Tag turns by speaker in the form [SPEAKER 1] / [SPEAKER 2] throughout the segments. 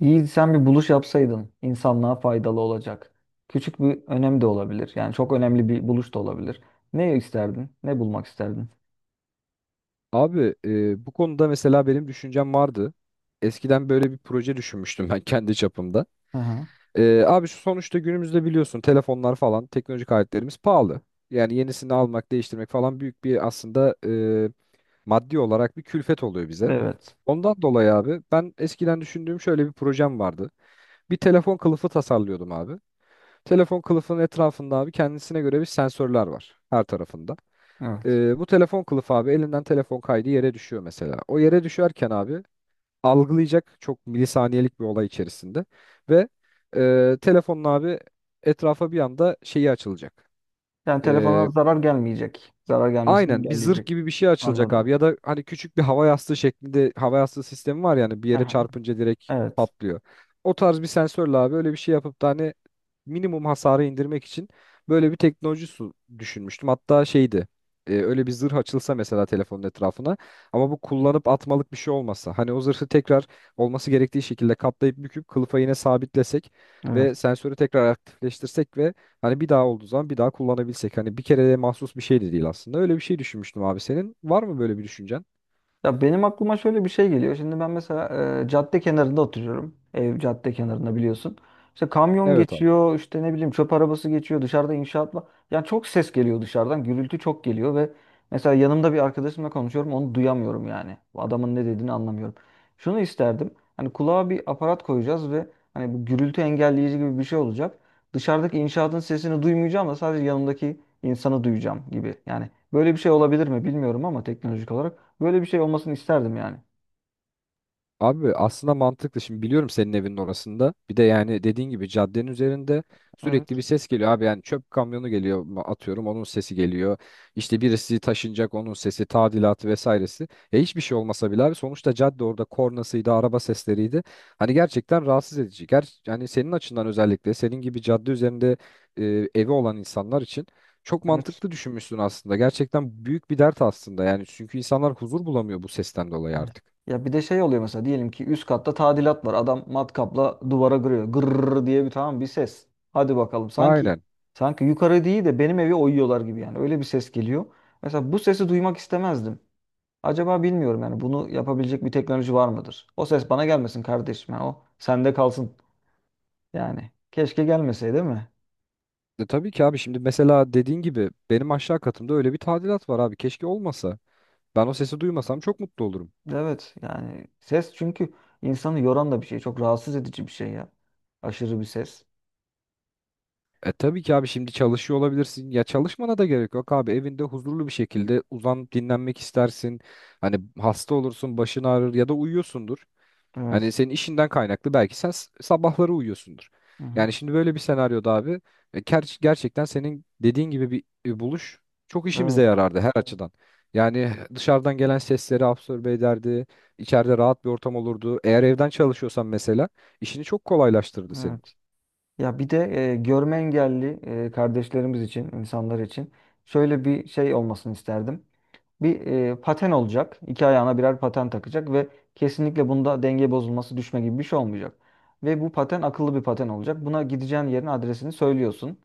[SPEAKER 1] İyi, sen bir buluş yapsaydın insanlığa faydalı olacak. Küçük bir önem de olabilir. Yani çok önemli bir buluş da olabilir. Ne isterdin? Ne bulmak isterdin?
[SPEAKER 2] Abi bu konuda mesela benim düşüncem vardı. Eskiden böyle bir proje düşünmüştüm ben kendi çapımda.
[SPEAKER 1] Hı hı.
[SPEAKER 2] Abi şu sonuçta günümüzde biliyorsun telefonlar falan teknolojik aletlerimiz pahalı. Yani yenisini almak, değiştirmek falan büyük bir aslında maddi olarak bir külfet oluyor bize.
[SPEAKER 1] Evet.
[SPEAKER 2] Ondan dolayı abi ben eskiden düşündüğüm şöyle bir projem vardı. Bir telefon kılıfı tasarlıyordum abi. Telefon kılıfının etrafında abi kendisine göre bir sensörler var her tarafında.
[SPEAKER 1] Evet.
[SPEAKER 2] Bu telefon kılıfı abi elinden telefon kaydı yere düşüyor mesela. O yere düşerken abi algılayacak çok milisaniyelik bir olay içerisinde ve telefonun abi etrafa bir anda şeyi açılacak.
[SPEAKER 1] Yani
[SPEAKER 2] Ee,
[SPEAKER 1] telefona zarar gelmeyecek. Zarar gelmesini
[SPEAKER 2] aynen bir zırh
[SPEAKER 1] engelleyecek.
[SPEAKER 2] gibi bir şey açılacak
[SPEAKER 1] Anladım.
[SPEAKER 2] abi ya da hani küçük bir hava yastığı şeklinde hava yastığı sistemi var yani bir
[SPEAKER 1] Hı
[SPEAKER 2] yere
[SPEAKER 1] hı.
[SPEAKER 2] çarpınca direkt
[SPEAKER 1] Evet.
[SPEAKER 2] patlıyor. O tarz bir sensörle abi öyle bir şey yapıp da hani minimum hasarı indirmek için böyle bir teknoloji su düşünmüştüm. Hatta şeydi öyle bir zırh açılsa mesela telefonun etrafına ama bu kullanıp atmalık bir şey olmasa hani o zırhı tekrar olması gerektiği şekilde katlayıp büküp kılıfa yine sabitlesek
[SPEAKER 1] Evet.
[SPEAKER 2] ve sensörü tekrar aktifleştirsek ve hani bir daha olduğu zaman bir daha kullanabilsek hani bir kereye mahsus bir şey de değil aslında öyle bir şey düşünmüştüm abi senin var mı böyle bir düşüncen?
[SPEAKER 1] Ya benim aklıma şöyle bir şey geliyor. Şimdi ben mesela cadde kenarında oturuyorum. Ev cadde kenarında biliyorsun. İşte kamyon
[SPEAKER 2] Evet abi.
[SPEAKER 1] geçiyor, işte ne bileyim çöp arabası geçiyor, dışarıda inşaat var. Yani çok ses geliyor dışarıdan, gürültü çok geliyor ve mesela yanımda bir arkadaşımla konuşuyorum, onu duyamıyorum yani. Bu adamın ne dediğini anlamıyorum. Şunu isterdim, hani kulağa bir aparat koyacağız ve hani bu gürültü engelleyici gibi bir şey olacak. Dışarıdaki inşaatın sesini duymayacağım da sadece yanımdaki insanı duyacağım gibi. Yani böyle bir şey olabilir mi bilmiyorum ama teknolojik olarak. Böyle bir şey olmasını isterdim yani.
[SPEAKER 2] Abi aslında mantıklı. Şimdi biliyorum senin evinin orasında. Bir de yani dediğin gibi caddenin üzerinde sürekli bir
[SPEAKER 1] Evet,
[SPEAKER 2] ses geliyor abi. Yani çöp kamyonu geliyor atıyorum onun sesi geliyor. İşte birisi taşınacak onun sesi, tadilatı vesairesi. Hiçbir şey olmasa bile abi sonuçta cadde orada kornasıydı, araba sesleriydi. Hani gerçekten rahatsız edici. Yani senin açından özellikle senin gibi cadde üzerinde e, evi olan insanlar için çok
[SPEAKER 1] evet.
[SPEAKER 2] mantıklı düşünmüşsün aslında. Gerçekten büyük bir dert aslında. Yani çünkü insanlar huzur bulamıyor bu sesten dolayı
[SPEAKER 1] Evet.
[SPEAKER 2] artık.
[SPEAKER 1] Ya bir de şey oluyor mesela diyelim ki üst katta tadilat var. Adam matkapla duvara kırıyor. Gırrrr diye bir tamam bir ses. Hadi bakalım sanki
[SPEAKER 2] Aynen.
[SPEAKER 1] sanki yukarı değil de benim evi oyuyorlar gibi yani. Öyle bir ses geliyor. Mesela bu sesi duymak istemezdim. Acaba bilmiyorum yani bunu yapabilecek bir teknoloji var mıdır? O ses bana gelmesin kardeşim. Yani o sende kalsın yani. Keşke gelmeseydi değil mi?
[SPEAKER 2] Tabii ki abi şimdi mesela dediğin gibi benim aşağı katımda öyle bir tadilat var abi keşke olmasa. Ben o sesi duymasam çok mutlu olurum.
[SPEAKER 1] Evet yani ses çünkü insanı yoran da bir şey. Çok rahatsız edici bir şey ya. Aşırı bir ses.
[SPEAKER 2] Tabii ki abi şimdi çalışıyor olabilirsin. Ya çalışmana da gerek yok abi. Evinde huzurlu bir şekilde uzanıp dinlenmek istersin. Hani hasta olursun, başın ağrır ya da uyuyorsundur. Hani
[SPEAKER 1] Evet.
[SPEAKER 2] senin işinden kaynaklı belki sen sabahları uyuyorsundur.
[SPEAKER 1] Hı hı.
[SPEAKER 2] Yani şimdi böyle bir senaryoda abi gerçekten senin dediğin gibi bir buluş çok işimize
[SPEAKER 1] Evet.
[SPEAKER 2] yarardı her açıdan. Yani dışarıdan gelen sesleri absorbe ederdi. İçeride rahat bir ortam olurdu. Eğer evden çalışıyorsan mesela işini çok kolaylaştırdı senin.
[SPEAKER 1] Evet. Ya bir de görme engelli kardeşlerimiz için, insanlar için şöyle bir şey olmasını isterdim. Bir paten olacak. İki ayağına birer paten takacak ve kesinlikle bunda denge bozulması, düşme gibi bir şey olmayacak. Ve bu paten akıllı bir paten olacak. Buna gideceğin yerin adresini söylüyorsun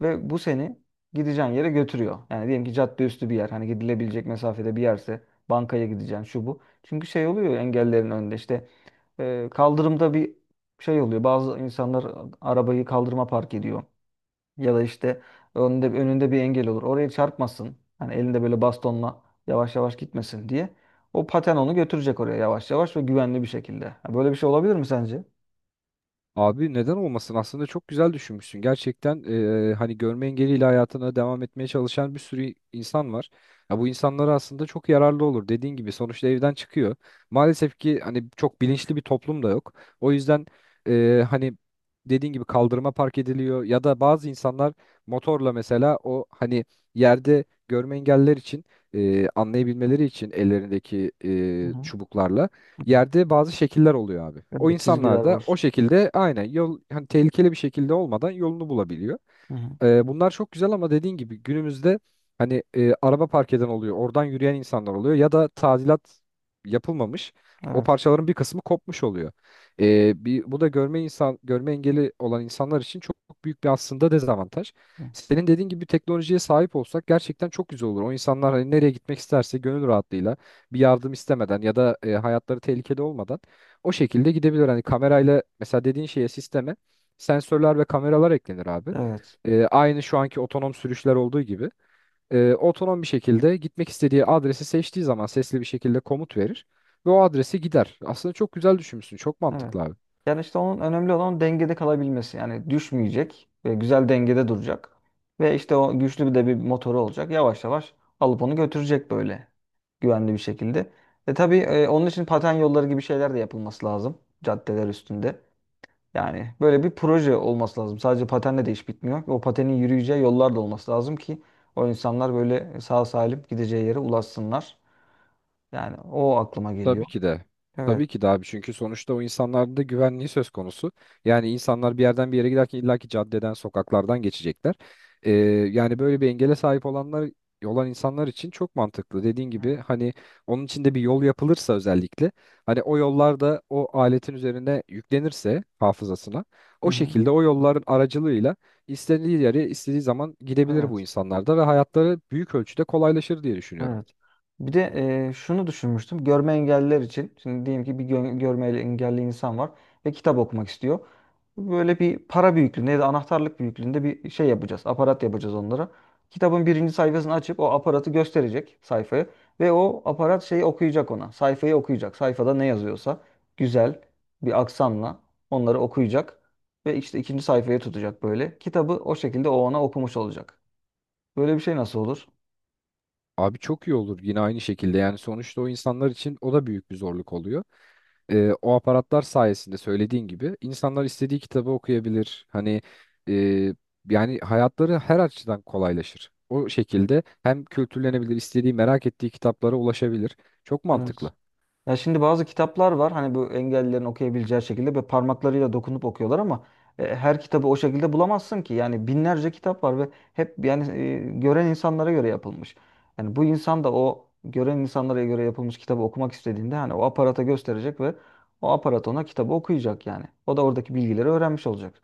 [SPEAKER 1] ve bu seni gideceğin yere götürüyor. Yani diyelim ki cadde üstü bir yer, hani gidilebilecek mesafede bir yerse bankaya gideceksin şu bu. Çünkü şey oluyor ya, engellerin önünde işte e, kaldırımda bir şey oluyor. Bazı insanlar arabayı kaldırıma park ediyor. Ya da işte önünde, önünde bir engel olur. Oraya çarpmasın. Hani elinde böyle bastonla yavaş yavaş gitmesin diye. O paten onu götürecek oraya yavaş yavaş ve güvenli bir şekilde. Ha, böyle bir şey olabilir mi sence?
[SPEAKER 2] Abi neden olmasın? Aslında çok güzel düşünmüşsün. Gerçekten hani görme engeliyle hayatına devam etmeye çalışan bir sürü insan var. Ya bu insanlara aslında çok yararlı olur. Dediğin gibi sonuçta evden çıkıyor. Maalesef ki hani çok bilinçli bir toplum da yok. O yüzden hani dediğin gibi kaldırıma park ediliyor ya da bazı insanlar motorla mesela o hani yerde görme engelliler için anlayabilmeleri için ellerindeki
[SPEAKER 1] Hı hı.
[SPEAKER 2] çubuklarla
[SPEAKER 1] Hı.
[SPEAKER 2] yerde bazı şekiller oluyor abi. O
[SPEAKER 1] Evet, çizgiler
[SPEAKER 2] insanlar da o
[SPEAKER 1] var.
[SPEAKER 2] şekilde aynen yol hani tehlikeli bir şekilde olmadan yolunu bulabiliyor.
[SPEAKER 1] Hı hı.
[SPEAKER 2] Bunlar çok güzel ama dediğin gibi günümüzde hani araba park eden oluyor, oradan yürüyen insanlar oluyor ya da tadilat yapılmamış. O
[SPEAKER 1] Evet.
[SPEAKER 2] parçaların bir kısmı kopmuş oluyor. Bu da görme insan görme engeli olan insanlar için çok büyük bir aslında dezavantaj. Senin dediğin gibi teknolojiye sahip olsak gerçekten çok güzel olur. O insanlar hani nereye gitmek isterse gönül rahatlığıyla bir yardım istemeden ya da hayatları tehlikede olmadan o şekilde gidebilir. Hani kamerayla mesela dediğin şeye sisteme sensörler ve kameralar eklenir abi.
[SPEAKER 1] Evet.
[SPEAKER 2] Aynı şu anki otonom sürüşler olduğu gibi otonom bir şekilde gitmek istediği adresi seçtiği zaman sesli bir şekilde komut verir ve o adrese gider. Aslında çok güzel düşünmüşsün. Çok
[SPEAKER 1] Evet.
[SPEAKER 2] mantıklı abi.
[SPEAKER 1] Yani işte onun önemli olan dengede kalabilmesi. Yani düşmeyecek ve güzel dengede duracak. Ve işte o güçlü bir de bir motoru olacak. Yavaş yavaş alıp onu götürecek böyle güvenli bir şekilde. E tabii onun için paten yolları gibi şeyler de yapılması lazım caddeler üstünde. Yani böyle bir proje olması lazım. Sadece patenle de iş bitmiyor. O patenin yürüyeceği yollar da olması lazım ki o insanlar böyle sağ salim gideceği yere ulaşsınlar. Yani o aklıma
[SPEAKER 2] Tabii
[SPEAKER 1] geliyor.
[SPEAKER 2] ki de.
[SPEAKER 1] Evet.
[SPEAKER 2] Tabii ki de abi çünkü sonuçta o insanlarda da güvenliği söz konusu. Yani insanlar bir yerden bir yere giderken illaki caddeden, sokaklardan geçecekler. Ee, Yani böyle bir engele sahip olan insanlar için çok mantıklı. Dediğin gibi hani onun için de bir yol yapılırsa özellikle hani o yollarda o aletin üzerine yüklenirse hafızasına
[SPEAKER 1] Hı
[SPEAKER 2] o
[SPEAKER 1] hı.
[SPEAKER 2] şekilde o yolların aracılığıyla istediği yere istediği zaman gidebilir bu
[SPEAKER 1] Evet.
[SPEAKER 2] insanlar da ve hayatları büyük ölçüde kolaylaşır diye düşünüyorum.
[SPEAKER 1] Evet. Bir de şunu düşünmüştüm. Görme engelliler için. Şimdi diyelim ki bir görme engelli insan var ve kitap okumak istiyor. Böyle bir para büyüklüğünde ya da anahtarlık büyüklüğünde bir şey yapacağız. Aparat yapacağız onlara. Kitabın birinci sayfasını açıp o aparatı gösterecek sayfayı ve o aparat şeyi okuyacak ona. Sayfayı okuyacak. Sayfada ne yazıyorsa güzel bir aksanla onları okuyacak ve işte ikinci sayfaya tutacak böyle. Kitabı o şekilde o ona okumuş olacak. Böyle bir şey nasıl olur?
[SPEAKER 2] Abi çok iyi olur yine aynı şekilde yani sonuçta o insanlar için o da büyük bir zorluk oluyor. O aparatlar sayesinde söylediğin gibi insanlar istediği kitabı okuyabilir. Hani e, yani hayatları her açıdan kolaylaşır. O şekilde hem kültürlenebilir, istediği merak ettiği kitaplara ulaşabilir. Çok mantıklı.
[SPEAKER 1] Ya şimdi bazı kitaplar var hani bu engellilerin okuyabileceği şekilde ve parmaklarıyla dokunup okuyorlar ama her kitabı o şekilde bulamazsın ki. Yani binlerce kitap var ve hep yani gören insanlara göre yapılmış. Yani bu insan da o gören insanlara göre yapılmış kitabı okumak istediğinde hani o aparata gösterecek ve o aparat ona kitabı okuyacak yani. O da oradaki bilgileri öğrenmiş olacak.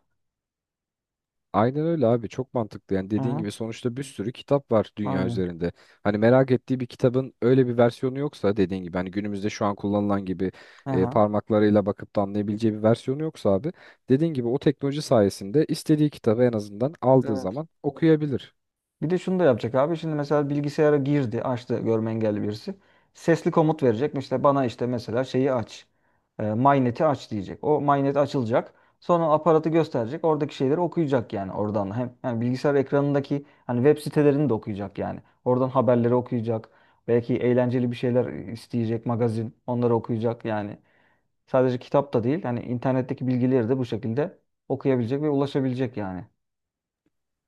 [SPEAKER 2] Aynen öyle abi çok mantıklı yani dediğin
[SPEAKER 1] Aha,
[SPEAKER 2] gibi sonuçta bir sürü kitap var dünya
[SPEAKER 1] aynen.
[SPEAKER 2] üzerinde. Hani merak ettiği bir kitabın öyle bir versiyonu yoksa dediğin gibi hani günümüzde şu an kullanılan gibi
[SPEAKER 1] Aha,
[SPEAKER 2] parmaklarıyla bakıp da anlayabileceği bir versiyonu yoksa abi dediğin gibi o teknoloji sayesinde istediği kitabı en azından aldığı
[SPEAKER 1] evet.
[SPEAKER 2] zaman okuyabilir.
[SPEAKER 1] Bir de şunu da yapacak abi. Şimdi mesela bilgisayara girdi, açtı görme engelli birisi. Sesli komut verecek. İşte bana işte mesela şeyi aç. E, MyNet'i aç diyecek. O MyNet açılacak. Sonra aparatı gösterecek. Oradaki şeyleri okuyacak yani oradan. Hem yani bilgisayar ekranındaki hani web sitelerini de okuyacak yani. Oradan haberleri okuyacak. Belki eğlenceli bir şeyler isteyecek magazin. Onları okuyacak yani. Sadece kitap da değil. Hani internetteki bilgileri de bu şekilde okuyabilecek ve ulaşabilecek yani.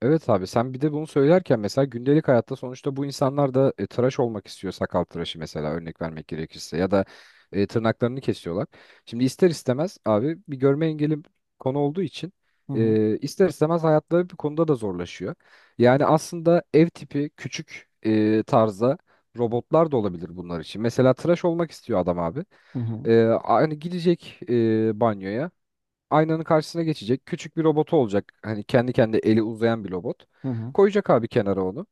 [SPEAKER 2] Evet abi sen bir de bunu söylerken mesela gündelik hayatta sonuçta bu insanlar da tıraş olmak istiyor sakal tıraşı mesela örnek vermek gerekirse ya da tırnaklarını kesiyorlar. Şimdi ister istemez abi bir görme engeli konu olduğu için
[SPEAKER 1] Hı hı.
[SPEAKER 2] ister istemez hayatları bir konuda da zorlaşıyor. Yani aslında ev tipi küçük tarzda robotlar da olabilir bunlar için. Mesela tıraş olmak istiyor adam abi.
[SPEAKER 1] Hı hı.
[SPEAKER 2] Hani gidecek banyoya aynanın karşısına geçecek. Küçük bir robotu olacak. Hani kendi eli uzayan bir robot.
[SPEAKER 1] Hı hı.
[SPEAKER 2] Koyacak abi kenara onu.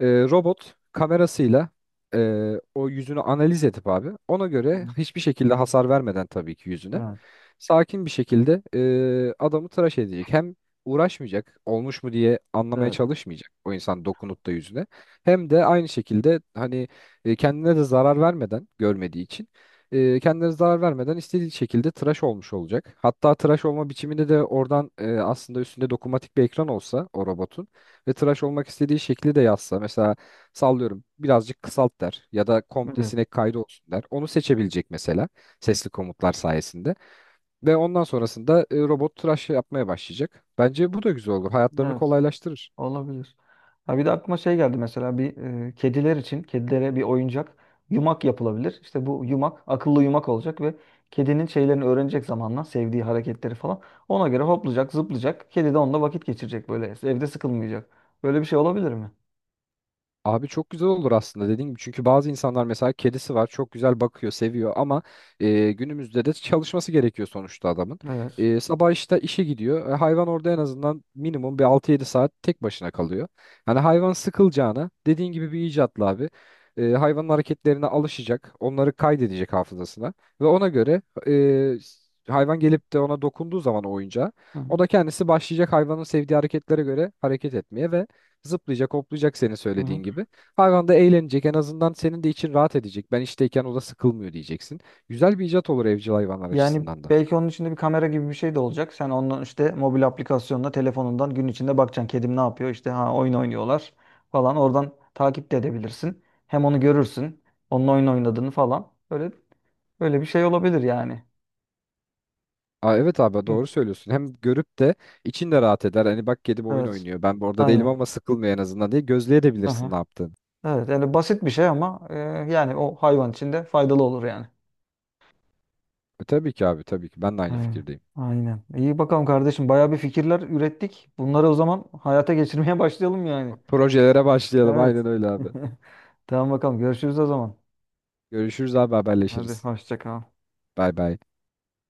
[SPEAKER 2] Robot kamerasıyla o yüzünü analiz edip abi ona
[SPEAKER 1] Hı
[SPEAKER 2] göre
[SPEAKER 1] hı.
[SPEAKER 2] hiçbir şekilde hasar vermeden tabii ki yüzüne
[SPEAKER 1] Evet.
[SPEAKER 2] sakin bir şekilde adamı tıraş edecek. Hem uğraşmayacak, olmuş mu diye anlamaya
[SPEAKER 1] Evet.
[SPEAKER 2] çalışmayacak o insan dokunup da yüzüne. Hem de aynı şekilde hani kendine de zarar vermeden görmediği için kendine zarar vermeden istediği şekilde tıraş olmuş olacak. Hatta tıraş olma biçiminde de oradan aslında üstünde dokunmatik bir ekran olsa o robotun ve tıraş olmak istediği şekli de yazsa mesela sallıyorum birazcık kısalt der ya da komple
[SPEAKER 1] Evet.
[SPEAKER 2] sinek kaydı olsun der. Onu seçebilecek mesela sesli komutlar sayesinde. Ve ondan sonrasında robot tıraş yapmaya başlayacak. Bence bu da güzel olur. Hayatlarını
[SPEAKER 1] Evet.
[SPEAKER 2] kolaylaştırır.
[SPEAKER 1] Olabilir. Ha bir de aklıma şey geldi mesela bir kediler için kedilere bir oyuncak yumak yapılabilir. İşte bu yumak akıllı yumak olacak ve kedinin şeylerini öğrenecek zamanla sevdiği hareketleri falan. Ona göre hoplayacak, zıplayacak. Kedi de onunla vakit geçirecek böyle. Evde sıkılmayacak. Böyle bir şey olabilir mi?
[SPEAKER 2] Abi çok güzel olur aslında dediğim gibi. Çünkü bazı insanlar mesela kedisi var çok güzel bakıyor seviyor ama günümüzde de çalışması gerekiyor sonuçta adamın.
[SPEAKER 1] Evet.
[SPEAKER 2] Sabah işte işe gidiyor. Hayvan orada en azından minimum bir 6-7 saat tek başına kalıyor. Hani hayvan sıkılacağına dediğin gibi bir icatla abi. Hayvanın hareketlerine alışacak. Onları kaydedecek hafızasına. Ve ona göre hayvan gelip de ona dokunduğu zaman o oyuncağa
[SPEAKER 1] Hı hı.
[SPEAKER 2] o da kendisi başlayacak hayvanın sevdiği hareketlere göre hareket etmeye ve zıplayacak, hoplayacak senin
[SPEAKER 1] Hı hı.
[SPEAKER 2] söylediğin gibi. Hayvan da eğlenecek. En azından senin de için rahat edecek. Ben işteyken o da sıkılmıyor diyeceksin. Güzel bir icat olur evcil hayvanlar
[SPEAKER 1] Yani
[SPEAKER 2] açısından da.
[SPEAKER 1] belki onun içinde bir kamera gibi bir şey de olacak. Sen ondan işte mobil aplikasyonla telefonundan gün içinde bakacaksın. Kedim ne yapıyor? İşte ha oyun oynuyorlar falan. Oradan takip de edebilirsin. Hem onu görürsün. Onun oyun oynadığını falan. Böyle bir şey olabilir yani.
[SPEAKER 2] Aa, evet abi doğru
[SPEAKER 1] Evet.
[SPEAKER 2] söylüyorsun. Hem görüp de için de rahat eder. Hani bak kedim oyun
[SPEAKER 1] Evet.
[SPEAKER 2] oynuyor. Ben bu orada değilim ama
[SPEAKER 1] Aynen.
[SPEAKER 2] sıkılmıyor en azından diye gözleyebilirsin
[SPEAKER 1] Aha.
[SPEAKER 2] ne yaptığını.
[SPEAKER 1] Evet. Yani basit bir şey ama yani o hayvan için de faydalı olur yani.
[SPEAKER 2] Tabii ki abi tabii ki. Ben de aynı
[SPEAKER 1] Aynen.
[SPEAKER 2] fikirdeyim.
[SPEAKER 1] Aynen. İyi bakalım kardeşim. Bayağı bir fikirler ürettik. Bunları o zaman hayata geçirmeye başlayalım yani.
[SPEAKER 2] Projelere başlayalım.
[SPEAKER 1] Evet.
[SPEAKER 2] Aynen öyle abi.
[SPEAKER 1] Tamam bakalım görüşürüz o zaman.
[SPEAKER 2] Görüşürüz abi
[SPEAKER 1] Hadi
[SPEAKER 2] haberleşiriz.
[SPEAKER 1] hoşça kal.
[SPEAKER 2] Bay bay.